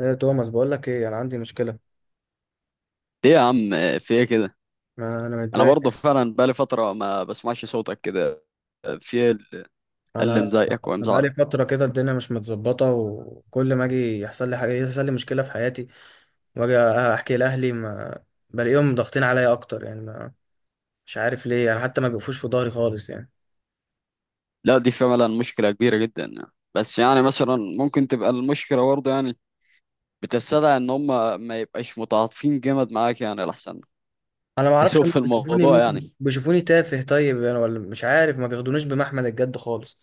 ايه يا توماس، بقول لك ايه، انا عندي مشكله. ليه يا عم؟ في ايه كده؟ ما انا انا متضايق. برضه فعلا بقالي فتره ما بسمعش صوتك كده. في ايه انا اللي انا مضايقك بقالي ومزعلك؟ فتره كده، الدنيا مش متظبطه، وكل ما اجي يحصل لي حاجه يحصل لي مشكله في حياتي. واجي احكي لاهلي ما بلاقيهم ضاغطين عليا اكتر، يعني ما مش عارف ليه، يعني حتى ما بيقفوش في ظهري خالص يعني. لا دي فعلا مشكله كبيره جدا يعني. بس يعني مثلا ممكن تبقى المشكله برضه يعني بتستدعي ان هم ما يبقاش متعاطفين جامد معاك، يعني الاحسن انا ما تسوق اعرفش هم في بيشوفوني، الموضوع يعني. ممكن بيشوفوني تافه طيب يعني، ولا مش عارف ما بياخدونيش بمحمل الجد خالص.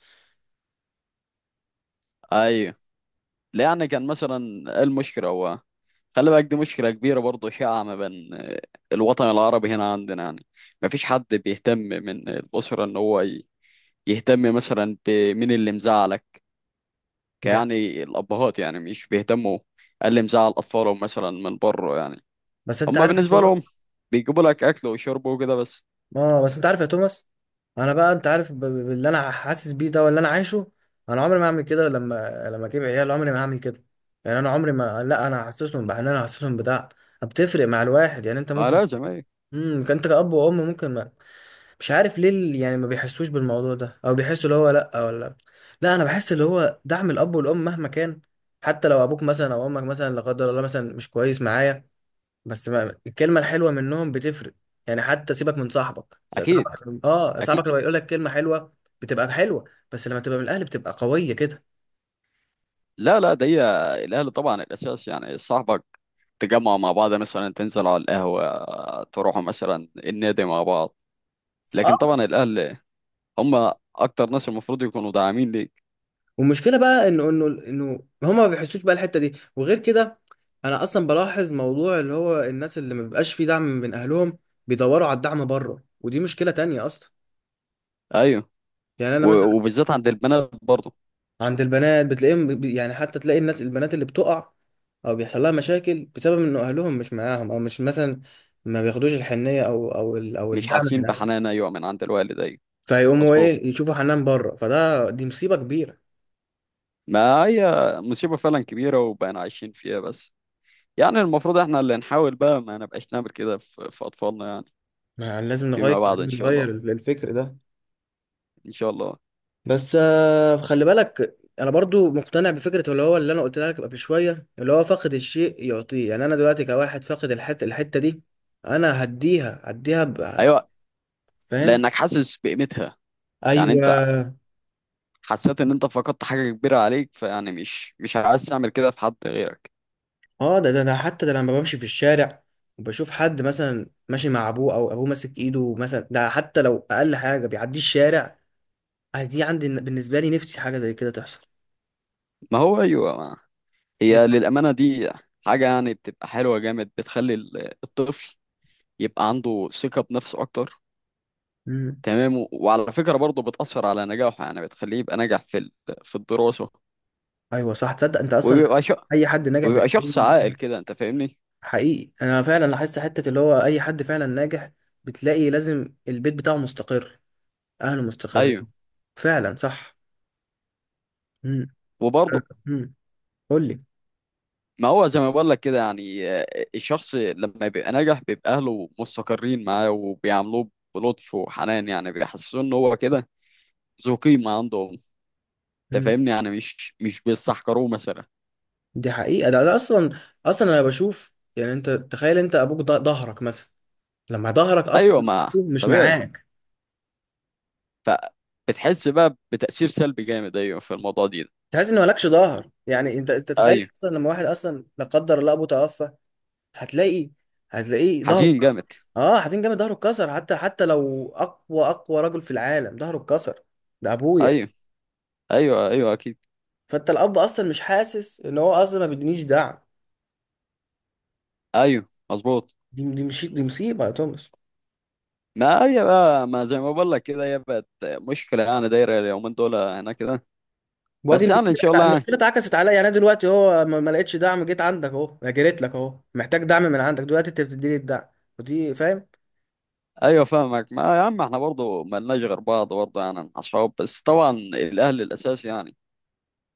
ايوه. لا يعني كان مثلا إيه المشكله؟ هو خلي بالك دي مشكله كبيره برضه شائعه ما بين الوطن العربي هنا عندنا يعني. ما فيش حد بيهتم من الاسره ان هو يهتم مثلا بمين اللي مزعلك، yeah. يعني الأبهات يعني مش بيهتموا اللي مزعل أطفالهم مثلا من بره يعني. بس انت هما عارف يا بالنسبة لهم توماس. بيجيبوا لك أكل وشرب وكده بس. اه، بس انت عارف يا توماس، انا بقى انت عارف باللي انا حاسس بيه ده واللي انا عايشه. انا عمري ما هعمل كده، لما اجيب عيال عمري ما هعمل كده. يعني انا عمري ما، لا، انا هحسسهم بحنان، انا هحسسهم بدعم، بتفرق مع الواحد. يعني انت ما ممكن، لازم أيه. انت كأب وام ممكن ما، مش عارف ليه يعني ما بيحسوش بالموضوع ده، او بيحسوا اللي هو لا، ولا لا، انا بحس اللي هو دعم الاب والام مهما كان. حتى لو ابوك مثلا او امك مثلا لا قدر الله مثلا مش كويس معايا، بس ما الكلمه الحلوه منهم بتفرق. يعني حتى سيبك من أكيد صاحبك أكيد. لما يقول لك كلمه حلوه بتبقى حلوه، بس لما تبقى من الاهل بتبقى قويه كده. لا لا، ده هي الأهل طبعا الأساس يعني. صاحبك تجمعوا مع بعض مثلا، تنزلوا على القهوة، تروحوا مثلا النادي مع بعض، اه. لكن طبعا الأهل هما أكتر ناس المفروض يكونوا داعمين ليك. والمشكله بقى انه هما ما بيحسوش بقى الحته دي، وغير كده انا اصلا بلاحظ موضوع اللي هو الناس اللي ما بيبقاش فيه دعم من اهلهم بيدوروا على الدعم بره، ودي مشكله تانية اصلا. أيوه. يعني انا مثلا وبالذات عند البنات برضه. عند البنات بتلاقيهم يعني، حتى تلاقي الناس البنات اللي بتقع او بيحصل لها مشاكل بسبب ان اهلهم مش معاهم، او مش مثلا ما بياخدوش الحنيه، او مش الدعم حاسين من اهلها، بحنان، أيوه، من عند الوالد. أيوه فيقوموا مظبوط. ايه يشوفوا حنان بره، فده دي مصيبه كبيره. ما هي مصيبة فعلا كبيرة وبقينا عايشين فيها، بس يعني المفروض احنا اللي نحاول بقى ما نبقاش نعمل كده في أطفالنا يعني ما لازم نغير فيما بعد. إن لازم شاء نغير الله. الفكر ده. إن شاء الله. بس خلي بالك انا برضو مقتنع بفكره اللي هو اللي انا قلت لك قبل شويه اللي هو فاقد الشيء يعطيه. يعني انا دلوقتي كواحد فاقد الحته دي، انا هديها. أيوة. فاهم. لأنك حاسس بقيمتها. يعني ايوه. أنت حسيت إن أنت فقدت حاجة كبيرة عليك، فيعني مش عايز تعمل كده في حد غيرك. اه، ده انا حتى ده لما بمشي في الشارع وبشوف حد مثلا ماشي مع ابوه، او ابوه ماسك ايده مثلا، ده حتى لو اقل حاجه بيعدي الشارع، آه دي عندي بالنسبه لي نفسي حاجه زي كده تحصل. ما هو أيوة ما. بت... هي للأمانة دي حاجة يعني بتبقى حلوة جامد، بتخلي الطفل يبقى عنده ثقة بنفسه أكتر. مم. تمام. وعلى فكرة برضه بتأثر على نجاحه، يعني بتخليه يبقى ناجح في في الدراسة. ايوه صح. تصدق انت اصلا وبيبقى ش... اي حد ناجح وبيبقى بتلاقيه، شخص عاقل كده، انت فاهمني. حقيقي انا فعلا لاحظت حته اللي هو اي حد فعلا ناجح بتلاقي لازم البيت بتاعه مستقر، اهله مستقرين، ايوه. فعلا صح. وبرضه امم قول لي. ما هو زي ما بقول لك كده يعني آه، الشخص لما بيبقى ناجح بيبقى اهله مستقرين معاه وبيعاملوه بلطف وحنان، يعني بيحسسوه ان هو كده ذو قيمه عندهم. انت فاهمني؟ يعني مش بيستحقروه مثلا. دي حقيقة، ده اصلا انا بشوف يعني انت تخيل انت ابوك ظهرك مثلا، لما ظهرك ايوه اصلا ما مش طبيعي. معاك، فبتحس بقى بتاثير سلبي جامد، ايوه، في الموضوع دي. تحس ان مالكش ظهر. يعني انت تخيل ايوه اصلا لما واحد اصلا لا قدر الله ابوه توفى، هتلاقي هتلاقيه ظهره حزين اتكسر. جامد. اه، حزين جامد، ظهره اتكسر، حتى لو اقوى اقوى رجل في العالم ظهره اتكسر، ده ابويا. ايوه ايوه ايوه اكيد. فانت الاب اصلا مش حاسس ان هو اصلا ما بيدينيش دعم، ايوه مظبوط. دي مش دي مصيبة يا توماس؟ ما هي بقى ما زي ما بقول لك كده، هي بقت مشكلة يعني دايرة اليومين دول هنا كده. وادي بس يعني إن شاء المشكله الله يعني. المشكله اتعكست عليا. يعني أنا دلوقتي اهو ما لقيتش دعم، جيت عندك اهو، جريت لك اهو محتاج دعم من عندك، دلوقتي انت بتديني الدعم. ودي فاهم. أيوة فاهمك ما يا عم. إحنا برضه مالناش غير بعض برضه، يعني أصحاب، بس طبعا الأهل الأساسي يعني.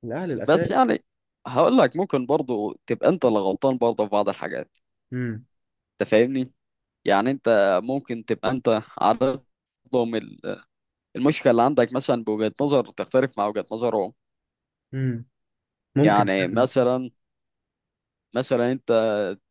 الاهل الاساس. بس يعني هقول لك ممكن برضه تبقى أنت اللي غلطان برضه في بعض الحاجات. امم أنت فاهمني؟ يعني أنت ممكن تبقى أنت عارض لهم المشكلة اللي عندك مثلا بوجهة نظر تختلف مع وجهة نظرهم. امم ممكن يعني فعلا صح. مثلا انت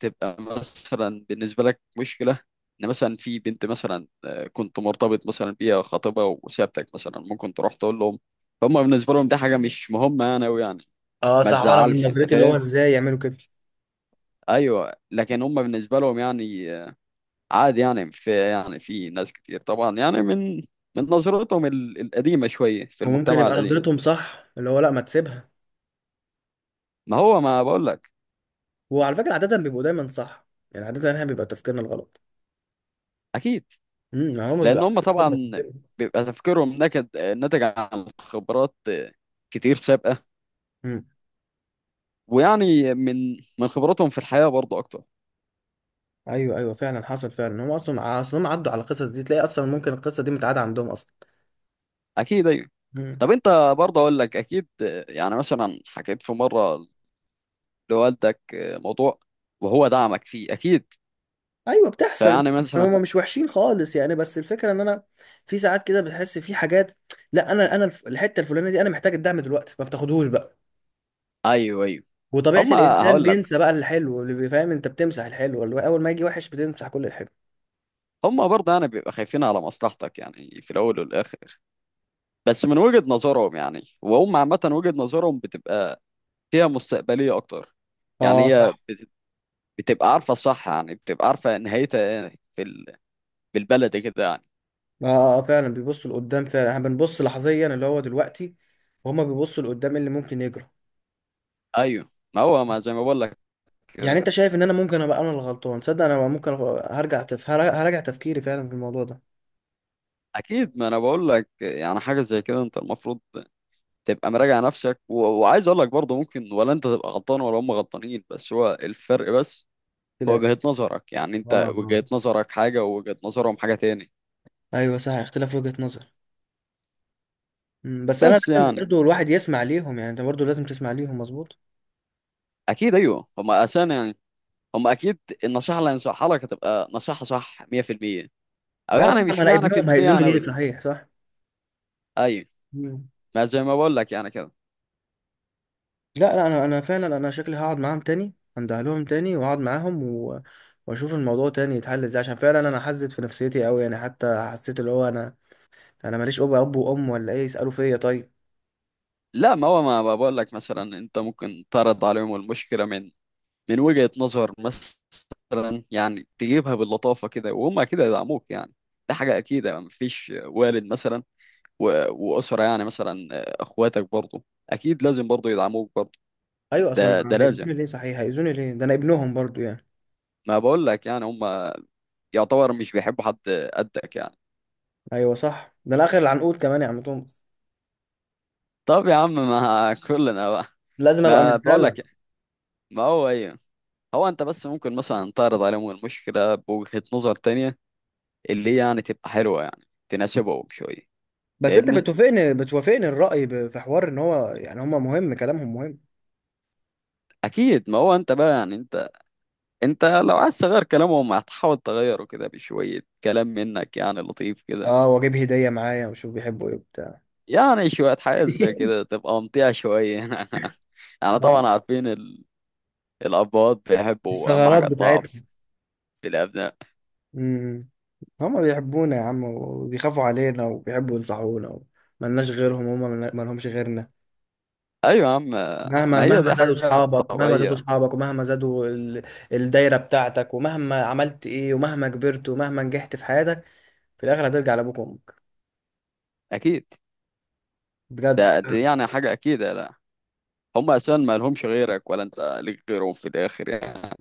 تبقى مثلا بالنسبه لك مشكله ان مثلا في بنت مثلا آه، كنت مرتبط مثلا بيها خطيبها وسابتك مثلا. ممكن تروح تقول لهم، هم بالنسبه لهم ده حاجه مش مهمه يعني أوي يعني. اه ما صح، وانا من تزعلش انت نظرتي اللي هو فاهم. ازاي يعملوا كده؟ ايوه لكن هم بالنسبه لهم يعني آه، عادي، يعني في يعني في ناس كتير طبعا يعني من نظرتهم القديمه شويه في وممكن المجتمع يبقى القديم. نظرتهم صح، اللي هو لا، ما تسيبها، ما هو ما بقول لك. وعلى فكره عاده بيبقوا دايما صح. يعني عاده احنا بيبقى تفكيرنا الغلط. اكيد. ما هم بيبقى لان هم عندهم خبره في طبعا الدنيا. بيبقى تفكيرهم نكد آه، ناتج عن خبرات آه، كتير سابقة. امم ويعني من خبرتهم في الحياة برضه أكتر. ايوه، ايوه، فعلا حصل فعلا. هم اصلا هم عدوا على القصص دي، تلاقي اصلا ممكن القصه دي متعاده عندهم اصلا. أكيد أيوه. امم طب أنت برضه أقول لك أكيد آه، يعني مثلا حكيت في مرة لوالدك آه، موضوع وهو دعمك فيه أكيد. ايوه، بتحصل. فيعني مثلا هما مش وحشين خالص يعني، بس الفكره ان انا في ساعات كده بتحس في حاجات، لا انا الحته الفلانيه دي انا محتاج الدعم دلوقتي، ما بتاخدهوش بقى. أيوه أيوه. وطبيعه هما الانسان هقول لك، بينسى بقى الحلو، اللي بيفهم انت بتمسح الحلو، اللي هو اول ما يجي وحش بتمسح كل الحلو. هما برضه يعني بيبقى خايفين على مصلحتك يعني في الأول والآخر، بس من وجهة نظرهم يعني، وهم عامة وجهة نظرهم بتبقى فيها مستقبلية أكتر. يعني اه هي صح. بتبقى عارفة الصح، يعني بتبقى عارفة نهايتها إيه في بالبلد كده يعني. اه فعلا بيبصوا لقدام، فعلا احنا بنبص لحظيا اللي هو دلوقتي، وهما بيبصوا لقدام إيه اللي ممكن يجرى. أيوه ما هو ما زي ما بقول لك. يعني انت شايف ان انا ممكن ابقى انا الغلطان؟ تصدق انا ممكن هرجع تفكيري فعلا في الموضوع ده. اكيد ما انا بقول لك يعني حاجه زي كده، انت المفروض تبقى مراجع نفسك وعايز اقول لك برضه، ممكن ولا انت تبقى غلطان ولا هم غلطانين، بس هو الفرق بس هو لا. وجهة نظرك، يعني اه، انت اه، وجهة نظرك حاجه ووجهة نظرهم حاجه تاني. ايوه صح، اختلاف وجهة نظر. بس انا بس لازم يعني. برضه الواحد يسمع ليهم، يعني انت برضه لازم تسمع ليهم، مظبوط. اكيد ايوه هم اساسا يعني هم اكيد النصيحه اللي هينصحها لك هتبقى نصيحه صح 100%. او اه صح، يعني ما مش انا معنى في ابنهم، المية هيأذوني يعني ليه أوي. صحيح، صح. ايوه مم. ما زي ما بقول لك يعني كده. لا، لا، انا فعلا انا شكلي هقعد معاهم تاني، اندهلهم تاني واقعد معاهم واشوف الموضوع تاني يتحل ازاي، عشان فعلا انا حزت في نفسيتي قوي يعني، حتى حسيت اللي هو انا ماليش اب وام، ولا ايه يسالوا فيا طيب. لا ما هو ما، بقول لك مثلا، انت ممكن تعرض عليهم المشكله من وجهة نظر مثلا يعني، تجيبها باللطافة كده وهم أكيد هيدعموك يعني. دي حاجة أكيدة، يعني مفيش والد مثلا وأسرة يعني مثلا آه، أخواتك برضه أكيد لازم برضه يدعموك برضه. ايوه اصلا ده لازم. هيأذوني ليه صحيح، هيأذوني ليه ده انا ابنهم برضه يعني. ما بقول لك يعني هم يعتبر مش بيحبوا حد قدك يعني. ايوه صح، ده انا اخر العنقود كمان يا عم توماس، طب يا عم ما كلنا بقى. لازم ابقى ما بقول متدلع. لك. ما هو ايه هو. انت بس ممكن مثلا تعرض عليهم المشكله بوجهه نظر تانية، اللي هي يعني تبقى حلوه يعني تناسبهم شويه. بس انت فاهمني؟ بتوافقني الرأي في حوار ان هو يعني هما مهم، كلامهم مهم. اكيد. ما هو انت بقى يعني، انت لو عايز تغير كلامهم هتحاول تغيره كده بشويه كلام منك يعني لطيف كده. اه، واجيب هدية معايا وشوف بيحبوا ايه وبتاع. يعني شويه حاجات زي كده تبقى ممتعه شويه. يعني اه، طبعا عارفين الابوات بيحبوا اهم الثغرات حاجه بتاعتهم. الضعف في الابناء. امم هما بيحبونا يا عم، وبيخافوا علينا، وبيحبوا ينصحونا، ملناش غيرهم، هما ملهمش غيرنا. ايوه يا عم. ما مهما هي مهما دي زادوا حاجه اصحابك، ومهما زادوا طبيعيه. اصحابك، ومهما زادوا الدايرة بتاعتك، ومهما عملت ايه، ومهما كبرت، ومهما نجحت في حياتك، في الاخر هترجع لابوك وامك اكيد. بجد ده فعلا. دي يعني حاجه اكيد. لا هم اساسا ما لهمش غيرك ولا انت ليك غيرهم في الاخر يعني،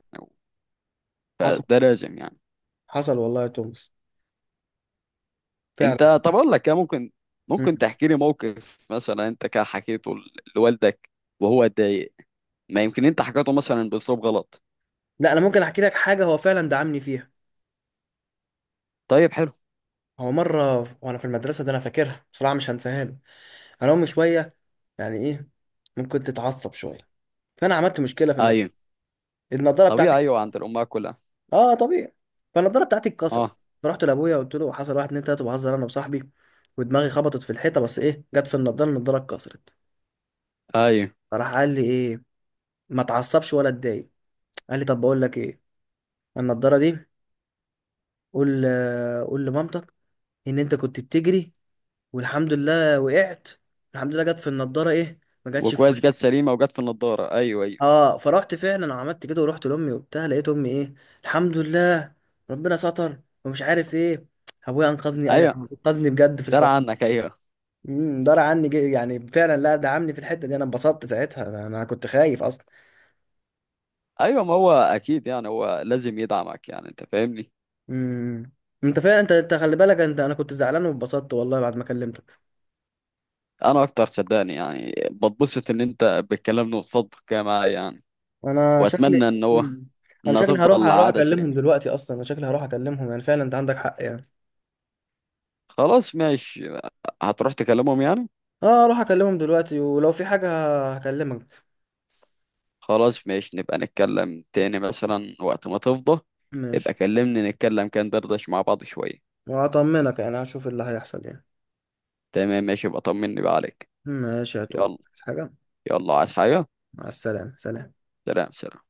حصل، فده لازم يعني. حصل والله يا توماس، انت فعلا. طب اقول لك يا ممكن، ممكن تحكي لي موقف مثلا انت كده حكيته لوالدك وهو اتضايق؟ ما يمكن انت حكيته مثلا باسلوب غلط. لا انا ممكن احكي لك حاجه هو فعلا دعمني فيها. طيب حلو. هو مره وانا في المدرسه، ده انا فاكرها بصراحه مش هنساها له، انا امي شويه يعني ايه، ممكن تتعصب شويه. فانا عملت مشكله في الماده، ايوه النضاره طبيعي بتاعتي ايوه اتكسرت. عند الامهات كلها. اه طبيعي. فالنضاره بتاعتي اتكسرت، اه. فرحت لابويا قلت له حصل واحد اتنين تلاته بهزر انا وصاحبي، ودماغي خبطت في الحيطه، بس ايه جت في النضاره، النضاره اتكسرت. ايوه فراح قال لي ايه، ما اتعصبش ولا اتضايق، قال لي طب بقول لك ايه، النضاره دي قول، قول لمامتك ان انت كنت بتجري والحمد لله وقعت، الحمد لله جت في النضاره ايه، ما جاتش في وكويس وشي. جت سليمه وجت في النضاره، ايوه ايوه. اه فرحت، فعلا عملت كده ورحت لامي وبتاع، لقيت امي ايه الحمد لله ربنا ستر ومش عارف ايه، ابويا انقذني، ايوه انقذني بجد في درع الحوار. عنك ايوه. دار عني يعني فعلا، لا دعمني في الحته دي، انا انبسطت ساعتها، انا كنت خايف اصلا. ايوه ما هو اكيد يعني هو لازم يدعمك يعني انت فاهمني. امم انت فعلا انت خلي بالك انت، انا كنت زعلان واتبسطت والله بعد ما كلمتك. انا اكتر صدقني يعني بتبسط ان انت بتكلمني وتفضفض كده معايا يعني. انا شكلي واتمنى ان هو امم انا انها شكلي هروح تفضل هروح عاده اكلمهم سليمه. دلوقتي اصلا، انا شكلي هروح اكلمهم يعني، فعلا انت عندك حق يعني. خلاص ماشي، هتروح تكلمهم يعني. اه اروح اكلمهم دلوقتي، ولو في حاجة هكلمك. خلاص ماشي، نبقى نتكلم تاني مثلا وقت ما تفضى. ابقى ماشي. كلمني نتكلم كان دردش مع بعض شوية. وهطمنك يعني، هشوف اللي هيحصل يعني. تمام ماشي، يبقى طمني بقى عليك. ماشي يا توم، يلا. عايز حاجة؟ يلا عايز حاجة. مع السلامة، سلام. سلام سلام.